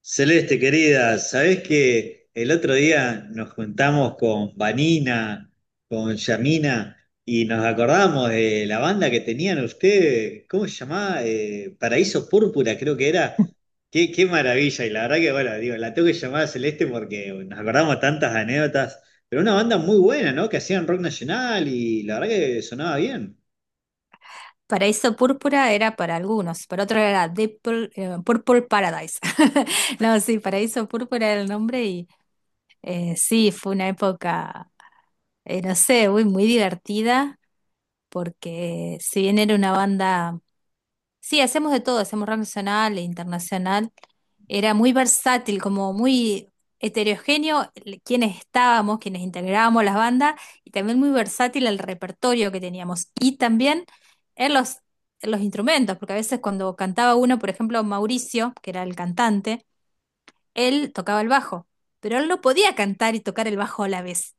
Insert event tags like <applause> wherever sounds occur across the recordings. Celeste, querida, ¿sabés que el otro día nos juntamos con Vanina, con Yamina, y nos acordamos de la banda que tenían ustedes? ¿Cómo se llamaba? Paraíso Púrpura, creo que era. Qué maravilla, y la verdad que, bueno, digo, la tengo que llamar a Celeste porque nos acordamos tantas anécdotas, pero una banda muy buena, ¿no? Que hacían rock nacional y la verdad que sonaba bien. Paraíso Púrpura era para algunos, para otros era Deep Pur- Purple Paradise. <laughs> No, sí, Paraíso Púrpura era el nombre y sí, fue una época, no sé, muy divertida, porque si bien era una banda. Sí, hacemos de todo, hacemos rock nacional e internacional. Era muy versátil, como muy heterogéneo el- quienes estábamos, quienes integrábamos las bandas, y también muy versátil el repertorio que teníamos. Y también en los, en los instrumentos, porque a veces cuando cantaba uno, por ejemplo, Mauricio, que era el cantante, él tocaba el bajo, pero él no podía cantar y tocar el bajo a la vez.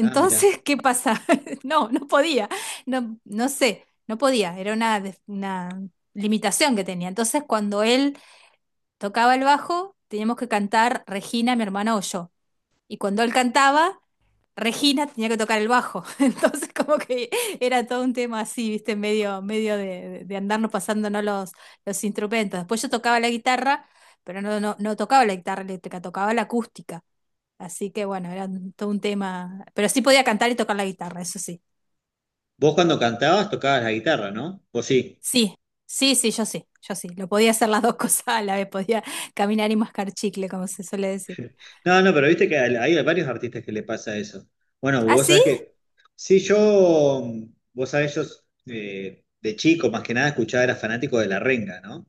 Ah, mirá. ¿qué pasa? <laughs> No podía, no sé, no podía, era una, des- una limitación que tenía. Entonces, cuando él tocaba el bajo, teníamos que cantar Regina, mi hermana o yo. Y cuando él cantaba, Regina tenía que tocar el bajo. <laughs> Entonces, como que era todo un tema así, viste, medio, de andarnos pasándonos los instrumentos. Después yo tocaba la guitarra, pero no tocaba la guitarra eléctrica, tocaba la acústica. Así que bueno, era un- todo un tema. Pero sí podía cantar y tocar la guitarra, eso sí. Vos cuando cantabas tocabas la guitarra, ¿no? Vos sí. Sí, sí, yo sí, yo sí. Lo podía hacer las dos <laughs> cosas a la vez, podía caminar y mascar chicle, como se suele decir. No, no, pero viste que hay varios artistas que le pasa eso. Bueno, ¿Ah, vos sí? sabés que, sí, yo, vos sabés, yo de chico más que nada escuchaba, era fanático de La Renga, ¿no?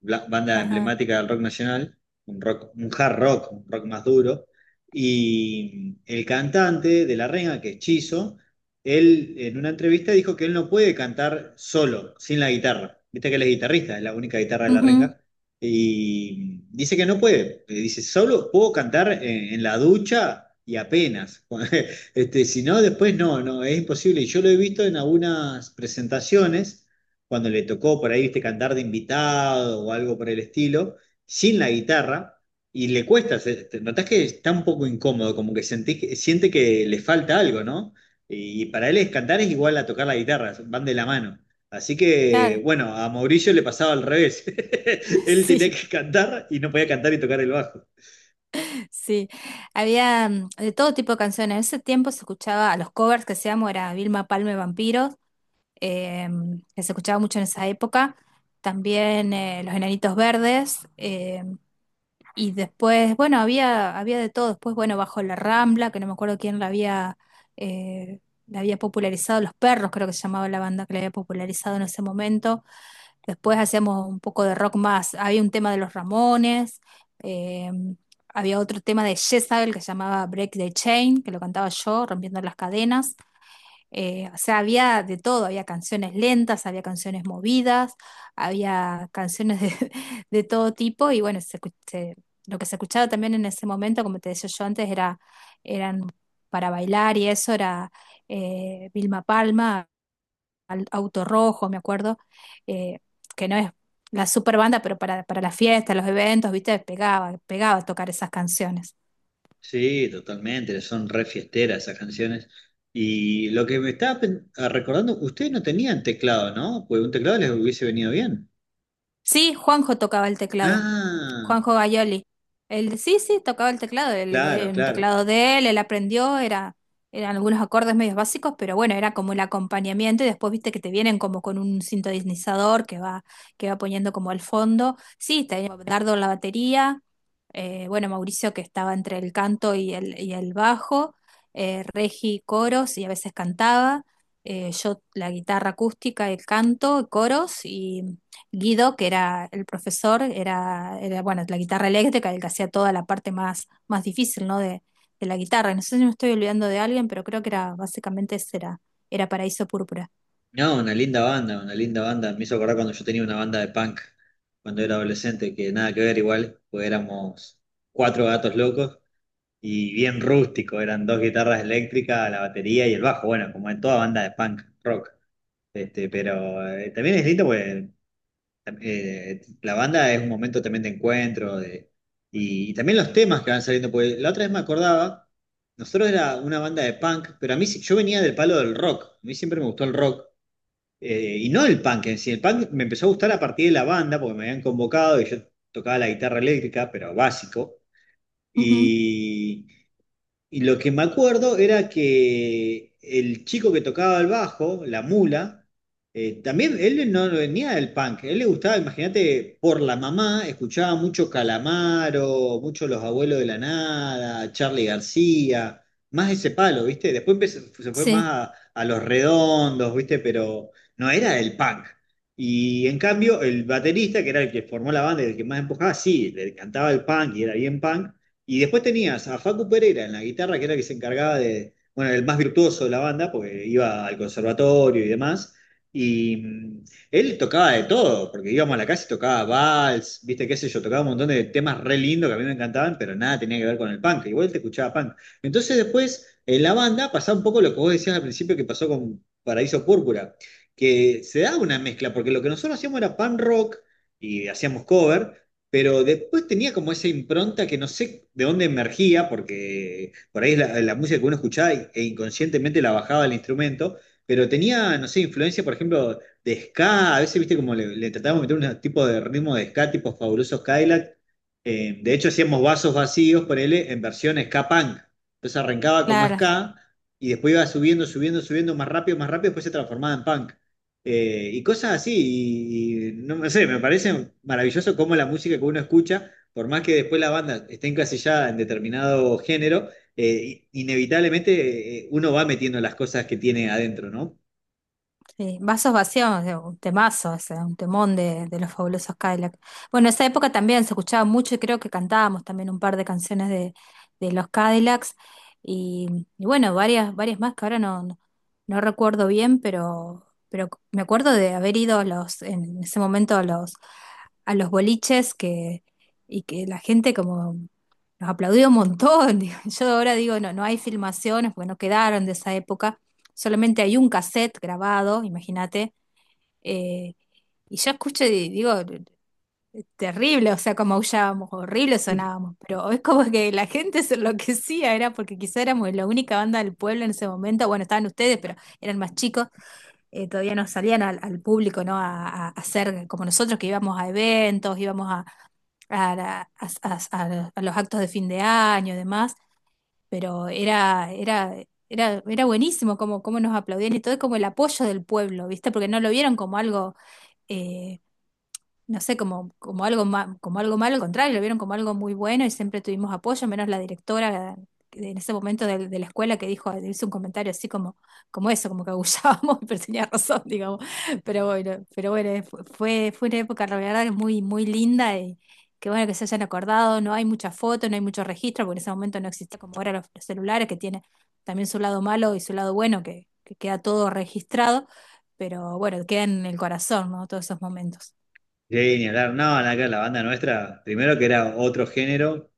banda Ajá. emblemática del rock nacional, un rock, un hard rock, un rock más duro. Y el cantante de La Renga, que es Chizo, él en una entrevista dijo que él no puede cantar solo, sin la guitarra. Viste que él es guitarrista, es la única guitarra de La Ujú. Renga. Y dice que no puede. Dice, solo puedo cantar en la ducha y apenas. <laughs> Este, si no, después no, no, es imposible. Y yo lo he visto en algunas presentaciones cuando le tocó por ahí, viste, cantar de invitado o algo por el estilo, sin la guitarra, y le cuesta, notás que está un poco incómodo, como que sentís siente que le falta algo, ¿no? Y para él es cantar es igual a tocar la guitarra, van de la mano. Así que, Claro, bueno, a Mauricio le pasaba al revés. <laughs> Él <laughs> tenía sí, que cantar y no podía cantar y tocar el bajo. sí. Había de todo tipo de canciones. En ese tiempo se escuchaba, a los covers que hacíamos era Vilma Palma y Vampiros, eh, que se escuchaba mucho en esa época. También Los Enanitos Verdes, y después, bueno, había de todo. Después, bueno, bajo la Rambla, que no me acuerdo quién eh, la había popularizado, Los Perros, creo que se llamaba la banda que la había popularizado en ese momento. Después hacíamos un poco de rock más. Había un tema de los Ramones, eh, había otro tema de Jezabel que se llamaba Break the Chain, que lo cantaba yo, rompiendo las cadenas. O sea, había de todo, había canciones lentas, había canciones movidas, había canciones de, <laughs> de todo tipo y bueno, se escu- se- lo que se escuchaba también en ese momento, como te decía yo antes, eran para bailar y eso era Vilma Palma, Al- Auto Rojo, me acuerdo, eh, que no es la super banda, pero para las fiestas, los eventos, viste, pegaba, pegaba tocar esas canciones. Sí, totalmente, son re fiesteras esas canciones. Y lo que me estaba recordando, ustedes no tenían teclado, ¿no? Pues un teclado les hubiese venido bien. Sí, Juanjo tocaba el teclado. Ah, Juanjo Gayoli. Él, sí, sí, tocaba el teclado, el, de- claro, el claro. teclado de él, él aprendió, eran algunos acordes medios básicos, pero bueno, era como el acompañamiento y después viste que te vienen como con un sintonizador que va poniendo como al fondo. Sí, tenía Dardo en la batería, bueno, Mauricio que estaba entre el canto y y el bajo, Regi coros y a veces cantaba, yo la guitarra acústica, el canto, coros. Guido, que era el profesor, bueno, la guitarra eléctrica, el que hacía toda la parte más difícil, ¿no? De la guitarra. Y no sé si me estoy olvidando de alguien, pero creo que era básicamente ese era Paraíso Púrpura. No, una linda banda, una linda banda. Me hizo acordar cuando yo tenía una banda de punk, cuando era adolescente, que nada que ver igual, pues éramos cuatro gatos locos y bien rústico, eran dos guitarras eléctricas, la batería y el bajo, bueno, como en toda banda de punk rock. Este, pero también es lindo, pues la banda es un momento también de encuentro de, y también los temas que van saliendo, porque la otra vez me acordaba, nosotros era una banda de punk, pero a mí yo venía del palo del rock, a mí siempre me gustó el rock, y no el punk en sí, el punk me empezó a gustar a partir de la banda, porque me habían convocado y yo tocaba la guitarra eléctrica, pero básico, Ujú. y... Y lo que me acuerdo era que el chico que tocaba el bajo, la mula, también él no venía del punk, él le gustaba, imagínate, por la mamá, escuchaba mucho Calamaro, mucho Los Abuelos de la Nada, Charly García, más ese palo, ¿viste? Se fue Sí, más a Los Redondos, ¿viste? Pero no era del punk. Y en cambio, el baterista, que era el que formó la banda y el que más empujaba, sí, le cantaba el punk y era bien punk y después tenías a Facu Pereira en la guitarra, que era el que se encargaba de, bueno, el más virtuoso de la banda, porque iba al conservatorio y demás. Y él tocaba de todo, porque íbamos a la casa y tocaba vals, viste qué sé yo, tocaba un montón de temas re lindos que a mí me encantaban, pero nada tenía que ver con el punk, igual te escuchaba punk. Entonces después en la banda pasaba un poco lo que vos decías al principio que pasó con Paraíso Púrpura, que se daba una mezcla, porque lo que nosotros hacíamos era punk rock y hacíamos cover, pero después tenía como esa impronta que no sé de dónde emergía, porque por ahí es la música que uno escuchaba e inconscientemente la bajaba al instrumento, pero tenía, no sé, influencia, por ejemplo, de ska, a veces, viste, como le tratábamos de meter un tipo de ritmo de ska, tipo Fabulosos Cadillac. De hecho hacíamos vasos vacíos, ponele, en versión ska punk, entonces arrancaba como claro. ska, y después iba subiendo, subiendo, subiendo más rápido, después se transformaba en punk. Y cosas así, y no sé, me parece maravilloso cómo la música que uno escucha, por más que después la banda esté encasillada en determinado género, inevitablemente uno va metiendo las cosas que tiene adentro, ¿no? Sí, Vasos vacíos, un temazo, ese, un temón de los fabulosos Cadillacs. Bueno, esa época también se escuchaba mucho y creo que cantábamos también un par de canciones de los Cadillacs y bueno, varias, varias más que ahora no recuerdo bien, pero me acuerdo de haber ido a los, en ese momento a los boliches que, y que la gente como nos aplaudió un montón. <laughs> Digo, yo ahora digo, no, no hay filmaciones, porque no quedaron de esa época, solamente hay un cassette grabado, imagínate, eh, y yo escucho y digo, terrible, o sea, como aullábamos, horrible sonábamos, pero es como que la gente se enloquecía, era porque quizá éramos la única banda del pueblo en ese momento, bueno, estaban ustedes, pero eran más chicos, todavía no salían al público, ¿no? A hacer como nosotros que íbamos a eventos, íbamos a, la- a los actos de fin de año y demás, pero era buenísimo cómo cómo nos aplaudían y todo, es como el apoyo del pueblo, ¿viste? Porque no lo vieron como algo eh, no sé, como, como algo ma- como algo malo, al contrario, lo vieron como algo muy bueno y siempre tuvimos apoyo, menos la directora que en ese momento de la escuela que dijo, hizo un comentario así como, como eso, como que agullábamos, <laughs> pero tenía razón, digamos. Pero bueno, fu- fue, fue una época, la verdad, muy linda y que bueno que se hayan acordado, no hay muchas fotos, no hay mucho registro, porque en ese momento no existía como ahora los celulares, que tiene también su lado malo y su lado bueno, que queda todo registrado, pero bueno, queda en el corazón, ¿no? Todos esos momentos. Sí, ni hablar, no, la banda nuestra, primero que era otro género,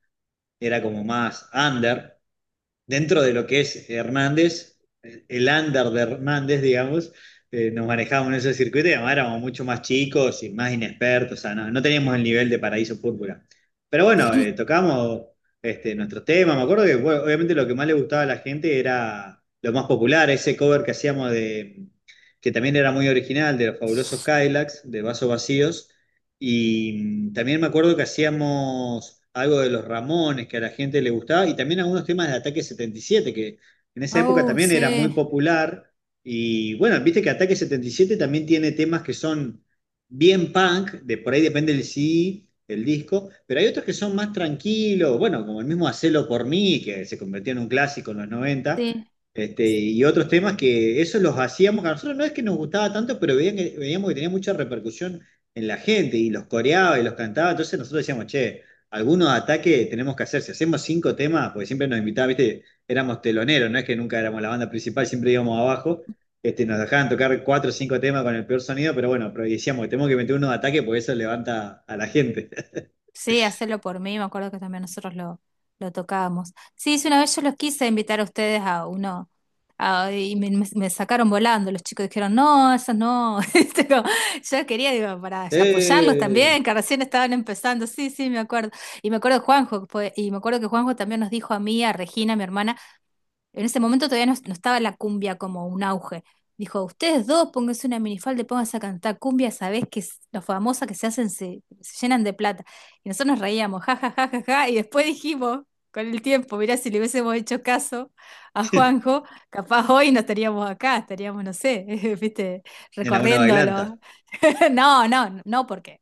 era como más under, dentro de lo que es Hernández, el under de Hernández, digamos, nos manejábamos en ese circuito y además éramos mucho más chicos y más inexpertos, o sea, no teníamos el nivel de Paraíso Púrpura. Pero bueno, tocamos este, nuestros temas, me acuerdo que bueno, obviamente lo que más le gustaba a la gente era lo más popular, ese cover que hacíamos de, que también era muy original, de los fabulosos Kylax, de Vasos Vacíos y también me acuerdo que hacíamos algo de los Ramones, que a la gente le gustaba, y también algunos temas de Ataque 77, que en esa época Oh, también era muy sí, popular. Y bueno, viste que Ataque 77 también tiene temas que son bien punk, de por ahí depende del CD, el disco, pero hay otros que son más tranquilos, bueno, como el mismo Hacelo por mí, que se convirtió en un clásico en los noventa. sí, Este, y otros temas que esos los hacíamos, que a nosotros no es que nos gustaba tanto, pero veíamos que tenía mucha repercusión en la gente y los coreaba y los cantaba. Entonces nosotros decíamos, che, algunos ataques tenemos que hacer. Si hacemos cinco temas, porque siempre nos invitaban, viste, éramos teloneros, no es que nunca éramos la banda principal, siempre íbamos abajo. Este, nos dejaban tocar cuatro o cinco temas con el peor sonido, pero bueno, pero decíamos que tenemos que meter unos ataques porque eso levanta a la gente. <laughs> sí, hacerlo por mí, me acuerdo que también nosotros lo tocábamos. Sí, sí, una vez yo los quise invitar a ustedes a uno, a- y me- me sacaron volando, los chicos dijeron, no, eso no. <laughs> Este, como, yo quería, digo, para apoyarlos ¡Eh! también, que recién estaban empezando, sí, sí, me acuerdo. Y me acuerdo de Juanjo, que fue- y me acuerdo que Juanjo también nos dijo a mí, a Regina, mi hermana, en ese momento todavía no estaba la cumbia como un auge. Dijo, ustedes dos, pónganse una minifalda y pónganse a cantar cumbia, sabés que es- los famosas que se hacen se, se llenan de plata. Y nosotros nos reíamos, ja, ja, ja, ja, ja, y después dijimos, con el tiempo, mirá, si le hubiésemos hecho caso a Juanjo, capaz hoy no estaríamos acá, estaríamos, no sé, <laughs> viste, En alguna bailanta. recorriéndolo. <laughs> No, no, no, porque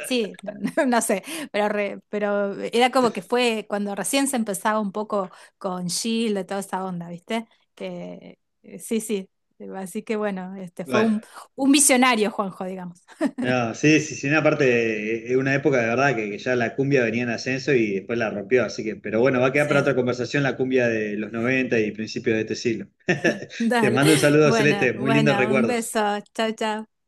sí, <laughs> no, no- no sé, pero, re- pero era como que fue cuando recién se empezaba un poco con Shield, y toda esa onda, ¿viste? Que sí, sí. Así que bueno, este fue Bueno. Un visionario, Juanjo, digamos. No, sí, sí, sí, una parte, es una época de verdad que ya la cumbia venía en ascenso y después la rompió, así que, pero bueno, va a quedar para Sí, otra <laughs> conversación la cumbia de los 90 y principios de este siglo. Te dale. mando un saludo, Bueno, Celeste, muy lindos bueno, un recuerdos. beso. Chao, chao.